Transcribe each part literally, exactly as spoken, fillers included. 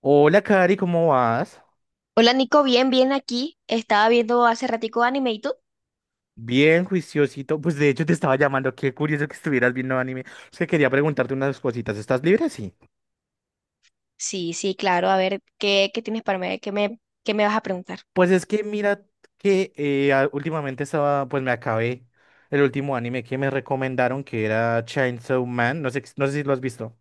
Hola, Cari, ¿cómo vas? Hola Nico, bien, bien aquí. Estaba viendo hace ratico anime, ¿y tú? Bien, juiciosito. Pues de hecho te estaba llamando. Qué curioso que estuvieras viendo anime. Es que quería preguntarte unas cositas. ¿Estás libre? Sí. Sí, sí, claro. A ver, ¿qué, qué tienes para mí? ¿Qué me, qué me vas a preguntar? Pues es que mira que eh, a- últimamente estaba, pues me acabé el último anime que me recomendaron, que era Chainsaw Man. No sé, no sé si lo has visto.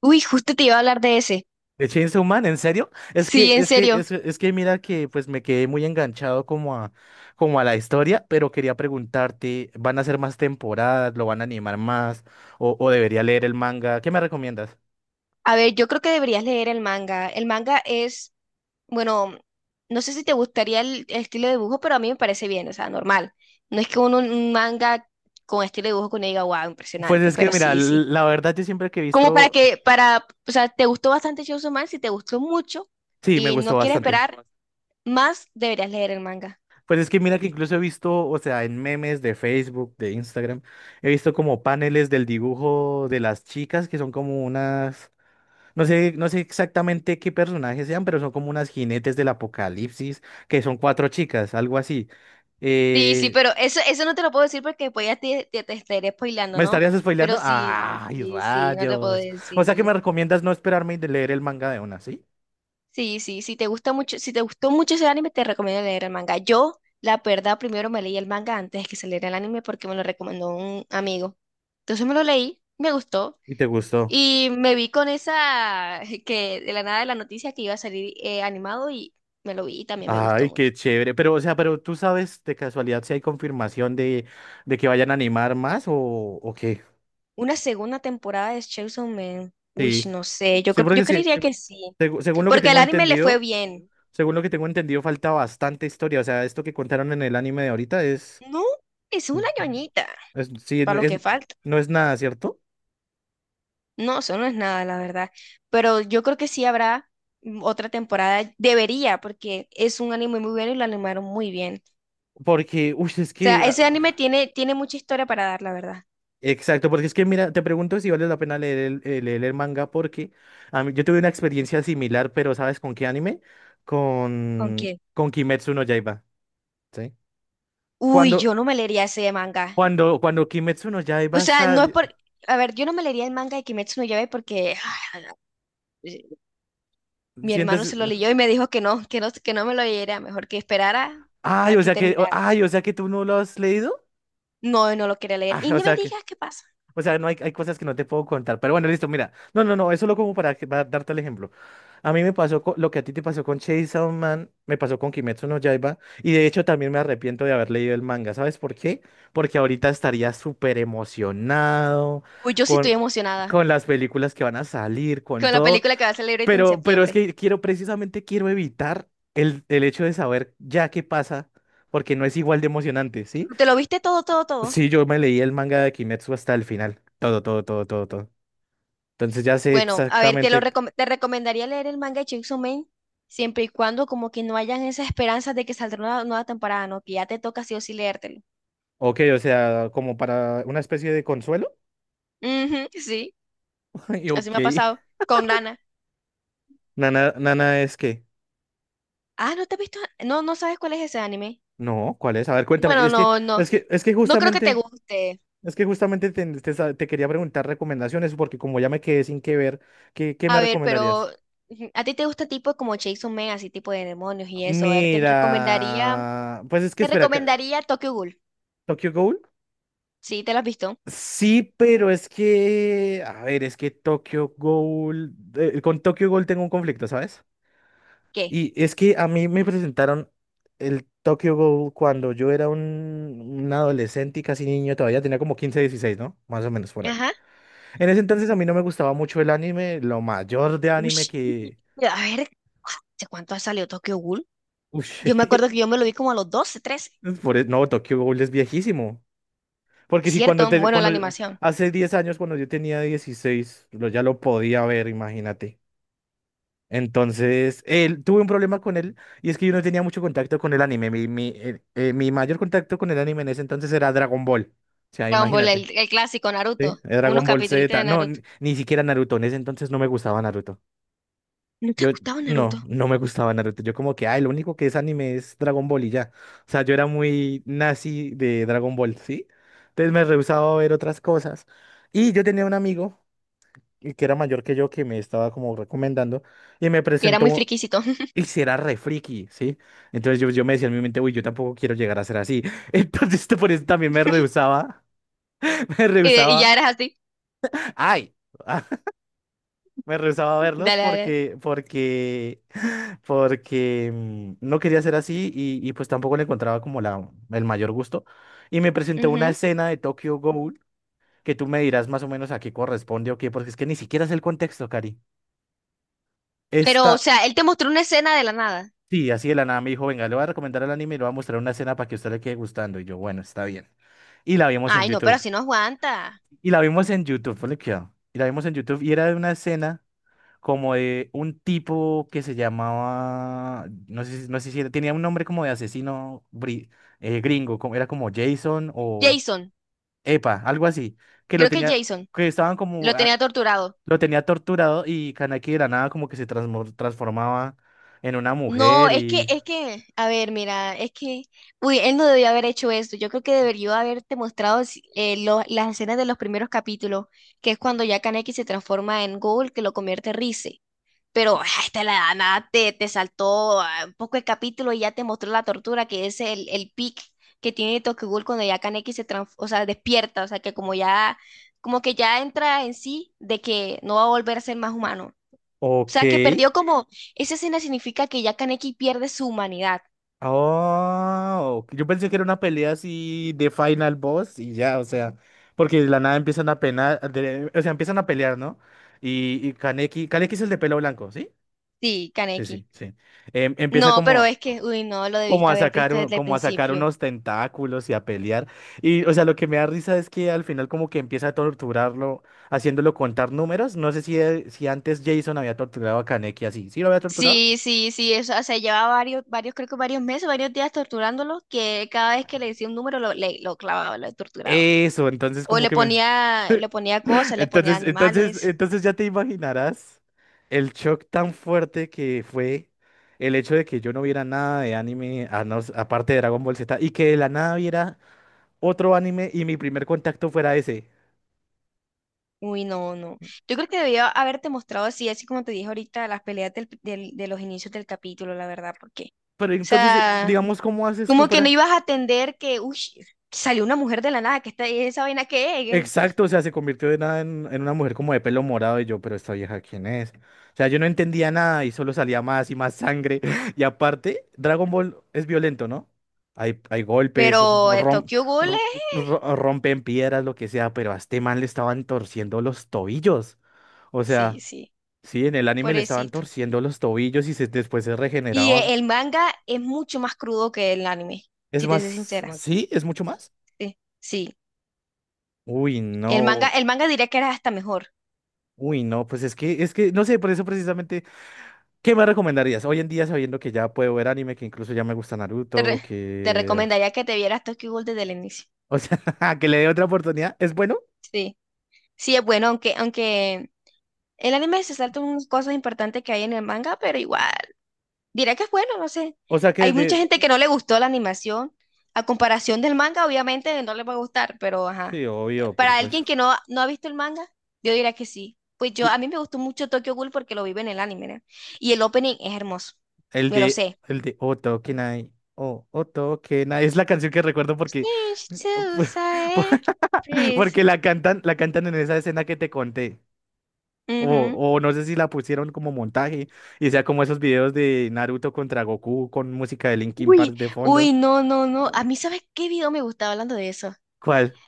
Uy, justo te iba a hablar de ese. De Chainsaw Man, ¿en serio? Es Sí, que, en es que, serio. es, es que mira que pues me quedé muy enganchado como a, como a la historia, pero quería preguntarte, ¿van a ser más temporadas? ¿Lo van a animar más? ¿O, o debería leer el manga? ¿Qué me recomiendas? A ver, yo creo que deberías leer el manga. El manga es, bueno, no sé si te gustaría el, el estilo de dibujo, pero a mí me parece bien, o sea, normal. No es que uno, un manga con estilo de dibujo que uno diga, wow, Pues impresionante, es que pero mira, sí, l- sí. la verdad yo siempre que he Como para visto, que, para, o sea, te gustó bastante Chainsaw Man, si te gustó mucho sí, me y gustó no quieres bastante. esperar, más deberías leer el manga. Pues es que mira que incluso he visto, o sea, en memes de Facebook, de Instagram, he visto como paneles del dibujo de las chicas que son como unas... No sé, no sé exactamente qué personajes sean, pero son como unas jinetes del apocalipsis, que son cuatro chicas, algo así. Sí, sí, Eh, pero eso, eso no te lo puedo decir porque después ya te, te, te estaré spoilando, ¿Me ¿no? estarías spoileando? Pero sí, ¡Ay, sí, sí, no te puedo rayos! O sea que me decir. recomiendas no esperarme y de leer el manga de una, ¿sí? Sí, sí, si te gusta mucho, si te gustó mucho ese anime, te recomiendo leer el manga. Yo, la verdad, primero me leí el manga antes de que se leera el anime porque me lo recomendó un amigo. Entonces me lo leí, me gustó Y te gustó. y me vi con esa que de la nada de la noticia que iba a salir eh, animado, y me lo vi y también me gustó Ay, qué mucho. chévere. Pero, o sea, pero tú sabes de casualidad si hay confirmación de, de que vayan a animar más o, o qué. ¿Una segunda temporada de Chainsaw Man? Uy, Sí. no sé, yo, Sí, cre- porque yo es que, creería que sí, segu- según lo que porque el tengo anime le fue entendido, bien. según lo que tengo entendido, falta bastante historia. O sea, esto que contaron en el anime de ahorita es. No, es Ujú. una ñoñita, Es- sí, para no lo es, que falta. no es nada, ¿cierto? No, eso no es nada, la verdad. Pero yo creo que sí habrá, mm, otra temporada. Debería, porque es un anime muy bueno y lo animaron muy bien. Porque, uy, es O que... sea, ese ah, anime tiene, tiene mucha historia para dar, la verdad. Exacto, porque es que, mira, te pregunto si vale la pena leer el, eh, leer el manga porque a mí- yo tuve una experiencia similar, pero ¿sabes con qué anime? ¿Con qué? Con, con Kimetsu no Yaiba. ¿Sí? Uy, yo Cuando, no me leería ese manga. cuando, cuando Kimetsu no O Yaiba sea, no es sale, por... A ver, yo no me leería el manga de Kimetsu no Yaiba porque... Mi hermano sientes... se lo leyó y me dijo que no, que no, que no me lo leyera, mejor que esperara Ay, a o que sea que, terminara. ay, o sea que tú no lo has leído. No, no lo quería leer. Ah, Y o ni me sea que... digas qué pasa. O sea, no hay, hay cosas que no te puedo contar. Pero bueno, listo, mira. No, no, no, eso lo como para, que- para darte el ejemplo. A mí me pasó co- lo que a ti te pasó con Chainsaw Man, me pasó con Kimetsu no Yaiba. Y de hecho también me arrepiento de haber leído el manga. ¿Sabes por qué? Porque ahorita estaría súper emocionado Uy, yo sí estoy con, emocionada con las películas que van a salir, con con la todo. película que va a salir ahorita en Pero, pero es septiembre. que quiero, precisamente quiero evitar el, el hecho de saber ya qué pasa, porque no es igual de emocionante, ¿sí? ¿Te lo viste todo, todo, todo? Sí, yo me leí el manga de Kimetsu hasta el final. Todo, todo, todo, todo, todo. Entonces ya sé Bueno, a ver, te lo exactamente. recom- te recomendaría leer el manga de Chainsaw Man siempre y cuando como que no hayan esas esperanzas de que saldrá una nueva temporada, ¿no? Que ya te toca sí o sí leértelo. Ok, o sea, como para una especie de consuelo. Ujú, sí, Y así ok. me ha pasado con Nana. Nana, Nana es que. Ah, ¿no te has visto? No, no sabes cuál es ese anime. No, ¿cuál es? A ver, cuéntame. Bueno, Es que, no, no, es que, es que no creo que te justamente, guste. es que justamente te, te sa- te quería preguntar recomendaciones, porque como ya me quedé sin que ver, ¿qué, qué me A ver, pero recomendarías? ujú, ¿a ti te gusta tipo como Jason Man, así tipo de demonios y eso? A ver, te recomendaría, Mira. Pues es que te espera, ca- recomendaría Tokyo Ghoul. ¿Tokyo Ghoul? ¿Sí? ¿Te lo has visto? Sí, pero es que, a ver, es que Tokyo Ghoul, eh, con Tokyo Ghoul tengo un conflicto, ¿sabes? ¿Qué? Y es que a mí me presentaron el Tokyo Ghoul cuando yo era un, un adolescente y casi niño, todavía tenía como quince dieciséis, ¿no? Más o menos por ahí. Ajá. En ese entonces a mí no me gustaba mucho el anime, lo mayor de anime Ush, que... a ver, ¿hace cuánto ha salido Tokyo Ghoul? Ush, Yo me acuerdo que yo me lo vi como a los doce, trece. por e- no, Tokyo Ghoul es viejísimo. Porque si cuando, ¿Cierto? te- Bueno, la cuando animación. hace diez años, cuando yo tenía dieciséis, lo, ya lo podía ver, imagínate. Entonces, él, tuve un problema con él y es que yo no tenía mucho contacto con el anime. Mi, mi, eh, eh, mi mayor contacto con el anime en ese entonces era Dragon Ball. O sea, Dragon Ball, imagínate. el, el clásico ¿Sí? Naruto. Unos Dragon Ball capítulos de Z. No, Naruto. ni, ni siquiera Naruto. En ese entonces no me gustaba Naruto. ¿No te Yo, gustaba Naruto? no, no me gustaba Naruto. Yo como que, ay, lo único que es anime es Dragon Ball y ya. O sea, yo era muy nazi de Dragon Ball, ¿sí? Entonces me rehusaba a ver otras cosas. Y yo tenía un amigo eh, que era mayor que yo que me estaba como recomendando y me Y era muy presentó. friquisito. Y si era re friki, ¿sí? Entonces yo, yo me decía en mi mente, uy, yo tampoco quiero llegar a ser así. Entonces por eso también me rehusaba, me Y, de- y ya rehusaba, eras así. ay, me rehusaba a verlos Dale, dale. porque, porque, porque mm, no quería ser así y, y pues tampoco le encontraba como la, el mayor gusto. Y me presentó una Ujú. escena de Tokyo Ghoul que tú me dirás más o menos a qué corresponde o qué, porque es que ni siquiera es el contexto, Cari. Pero, o Esta sea, él te mostró una escena de la nada. Sí, así de la nada me dijo, venga, le voy a recomendar el anime y le voy a mostrar una escena para que a usted le quede gustando. Y yo, bueno, está bien. Y la vimos en Ay, no, pero YouTube. así no aguanta. Y la vimos en YouTube, ponle cuidado. Y la vimos en YouTube y era de una escena como de un tipo que se llamaba, no sé, si- no sé si era- tenía un nombre como de asesino bri- eh, gringo, como, era como Jason o Jason. Epa, algo así, que lo Creo que tenía, Jason que estaban como, lo ah, tenía torturado. lo tenía torturado y Kaneki de la nada como que se transmor- transformaba en una No, mujer es que, y... es que, a ver, mira, es que, uy, él no debió haber hecho esto. Yo creo que debería haberte mostrado si- eh, lo- las escenas de los primeros capítulos, que es cuando ya Kaneki se transforma en Ghoul, que lo convierte en Rize. Pero ah, esta la edad, nada, te, te saltó ah, un poco el capítulo y ya te mostró la tortura, que es el, el pic que tiene Tokyo Ghoul cuando ya Kaneki se trans- o sea, despierta, o sea, que como ya, como que ya entra en sí de que no va a volver a ser más humano. O Ok. sea, que perdió como, esa escena significa que ya Kaneki pierde su humanidad. Oh, yo pensé que era una pelea así de Final Boss y ya, o sea, porque de la nada empiezan a penar, de- o sea, empiezan a pelear, ¿no? Y, y Kaneki, Kaneki es el de pelo blanco, ¿sí? Sí, Sí, sí, Kaneki. sí. Em, empieza No, pero como, es que, uy, no, lo como debiste a haber sacar, visto un- desde el como a sacar principio. unos tentáculos y a pelear. Y, o sea, lo que me da risa es que al final como que empieza a torturarlo, haciéndolo contar números. No sé si, eh, si antes Jason había torturado a Kaneki así. ¿Sí lo había torturado? Sí, sí, sí, eso, o sea, llevaba varios, varios, creo que varios meses, varios días torturándolo, que cada vez que le decía un número lo, le, lo clavaba, lo torturaba. Eso, entonces O como le que me... ponía, le ponía cosas, le ponía Entonces, entonces, animales. entonces ya te imaginarás el shock tan fuerte que fue el hecho de que yo no viera nada de anime, a no s- aparte de Dragon Ball Z, y que de la nada viera otro anime y mi primer contacto fuera ese. Uy, no, no. Yo creo que debía haberte mostrado así, así como te dije ahorita, las peleas del- del- de los inicios del capítulo, la verdad, porque, Pero o entonces, eh, sea... digamos, ¿cómo haces tú Como que no para...? ibas a atender que, uy, salió una mujer de la nada, que está esa vaina que es. Exacto, o sea, se convirtió de nada en, en una mujer como de pelo morado y yo, pero esta vieja, ¿quién es? O sea, yo no entendía nada y solo salía más y más sangre. Y aparte, Dragon Ball es violento, ¿no? Hay, hay golpes, Pero eh, rom- Tokyo Ghoul ro- es... ro- rompen piedras, lo que sea, pero a este man le estaban torciendo los tobillos. O sí, sea, sí, sí, en el anime le estaban pobrecito. torciendo los tobillos y se- después se Y regeneraba. eh, el manga es mucho más crudo que el anime, Es si te soy más, sincera. Ah, sí, es mucho sí. más. Sí, sí. Uy, El manga, no, el manga diría que era hasta mejor. uy, no, pues es que, es que, no sé, por eso precisamente... ¿Qué me recomendarías? Hoy en día, sabiendo que ya puedo ver anime, que incluso ya me gusta Te, Naruto, re- Te que... recomendaría que te vieras Tokyo Ghoul desde el inicio. O sea, que le dé otra oportunidad. ¿Es bueno? Sí. Sí, es bueno, aunque, aunque el anime se salta unas cosas importantes que hay en el manga, pero igual. Diré que es bueno, no sé. O sea, que Hay mucha de... gente que no le gustó la animación. A comparación del manga, obviamente no le va a gustar, pero ajá. Sí, obvio, pero Para pues... alguien que no, no ha visto el manga, yo diría que sí. Pues yo, Y a mí me gustó mucho Tokyo Ghoul porque lo vive en el anime, ¿no? Y el opening es hermoso. el Me lo de... sé. El de Oto Kenai. Oh, Oto Kenai. Es la canción que recuerdo porque... Please. Porque la cantan, la cantan en esa escena que te conté. Ujú. O, o no sé si la pusieron como montaje. Y sea como esos videos de Naruto contra Goku con música de Linkin Park Uy, de fondo. uy, no, no, no. A mí, ¿sabes qué video me gustaba hablando de eso? ¿Cuál?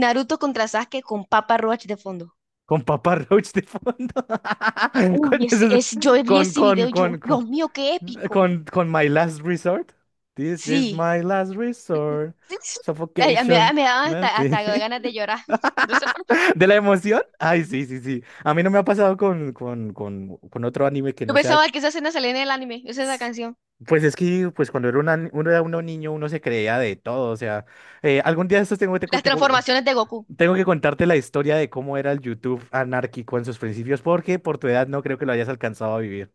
Naruto contra Sasuke con Papa Roach de fondo. Con Papá Roach de fondo. Con, Uy, ese, esos- es, yo vi con, ese video con, y yo, con, con, Dios mío, qué épico. con, con My Last Resort. This is Sí, my last resort. sí. Ay, a- me, da- Suffocation. me daban No hasta, hasta estoy- ganas de llorar. No sé por qué. ¿De la emoción? Ay, sí, sí, sí. A mí no me ha pasado con, con, con, con otro anime que Yo no sea. pensaba que esa escena salía en el anime, esa esa canción. Pues es que pues cuando era, una, uno era uno niño uno se creía de todo. O sea, eh, algún día de estos tengo, tengo, Las tengo- transformaciones de Goku. tengo que contarte la historia de cómo era el YouTube anárquico en sus principios, porque por tu edad no creo que lo hayas alcanzado a vivir.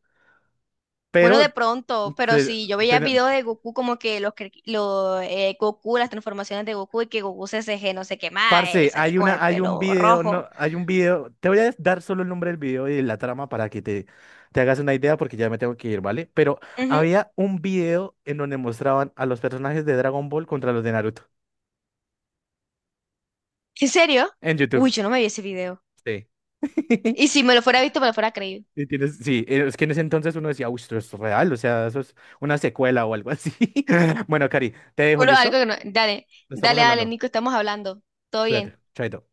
Bueno, Pero, de pronto, pero te, sí, yo veía te- videos de Goku como que los, cre- los eh, Goku, las transformaciones de Goku y que Goku se C G, no sé qué más, eh, parce, salía hay con el una, hay un pelo video, no, rojo. hay un video. Te voy a dar solo el nombre del video y la trama para que te, te hagas una idea, porque ya me tengo que ir, ¿vale? Pero Ujú. había un video en donde mostraban a los personajes de Dragon Ball contra los de Naruto ¿En serio? en YouTube. Uy, yo no me vi ese video. Sí. Y si me lo fuera visto, me lo fuera creído. Y tienes, sí, eh, es que en ese entonces uno decía, uy, esto es real, o sea, eso es una secuela o algo así. Bueno, Cari, te dejo, Bueno, algo ¿listo? que no. Dale, Lo estamos dale, dale, hablando. Nico, estamos hablando. Todo Cuídate, bien. chaito.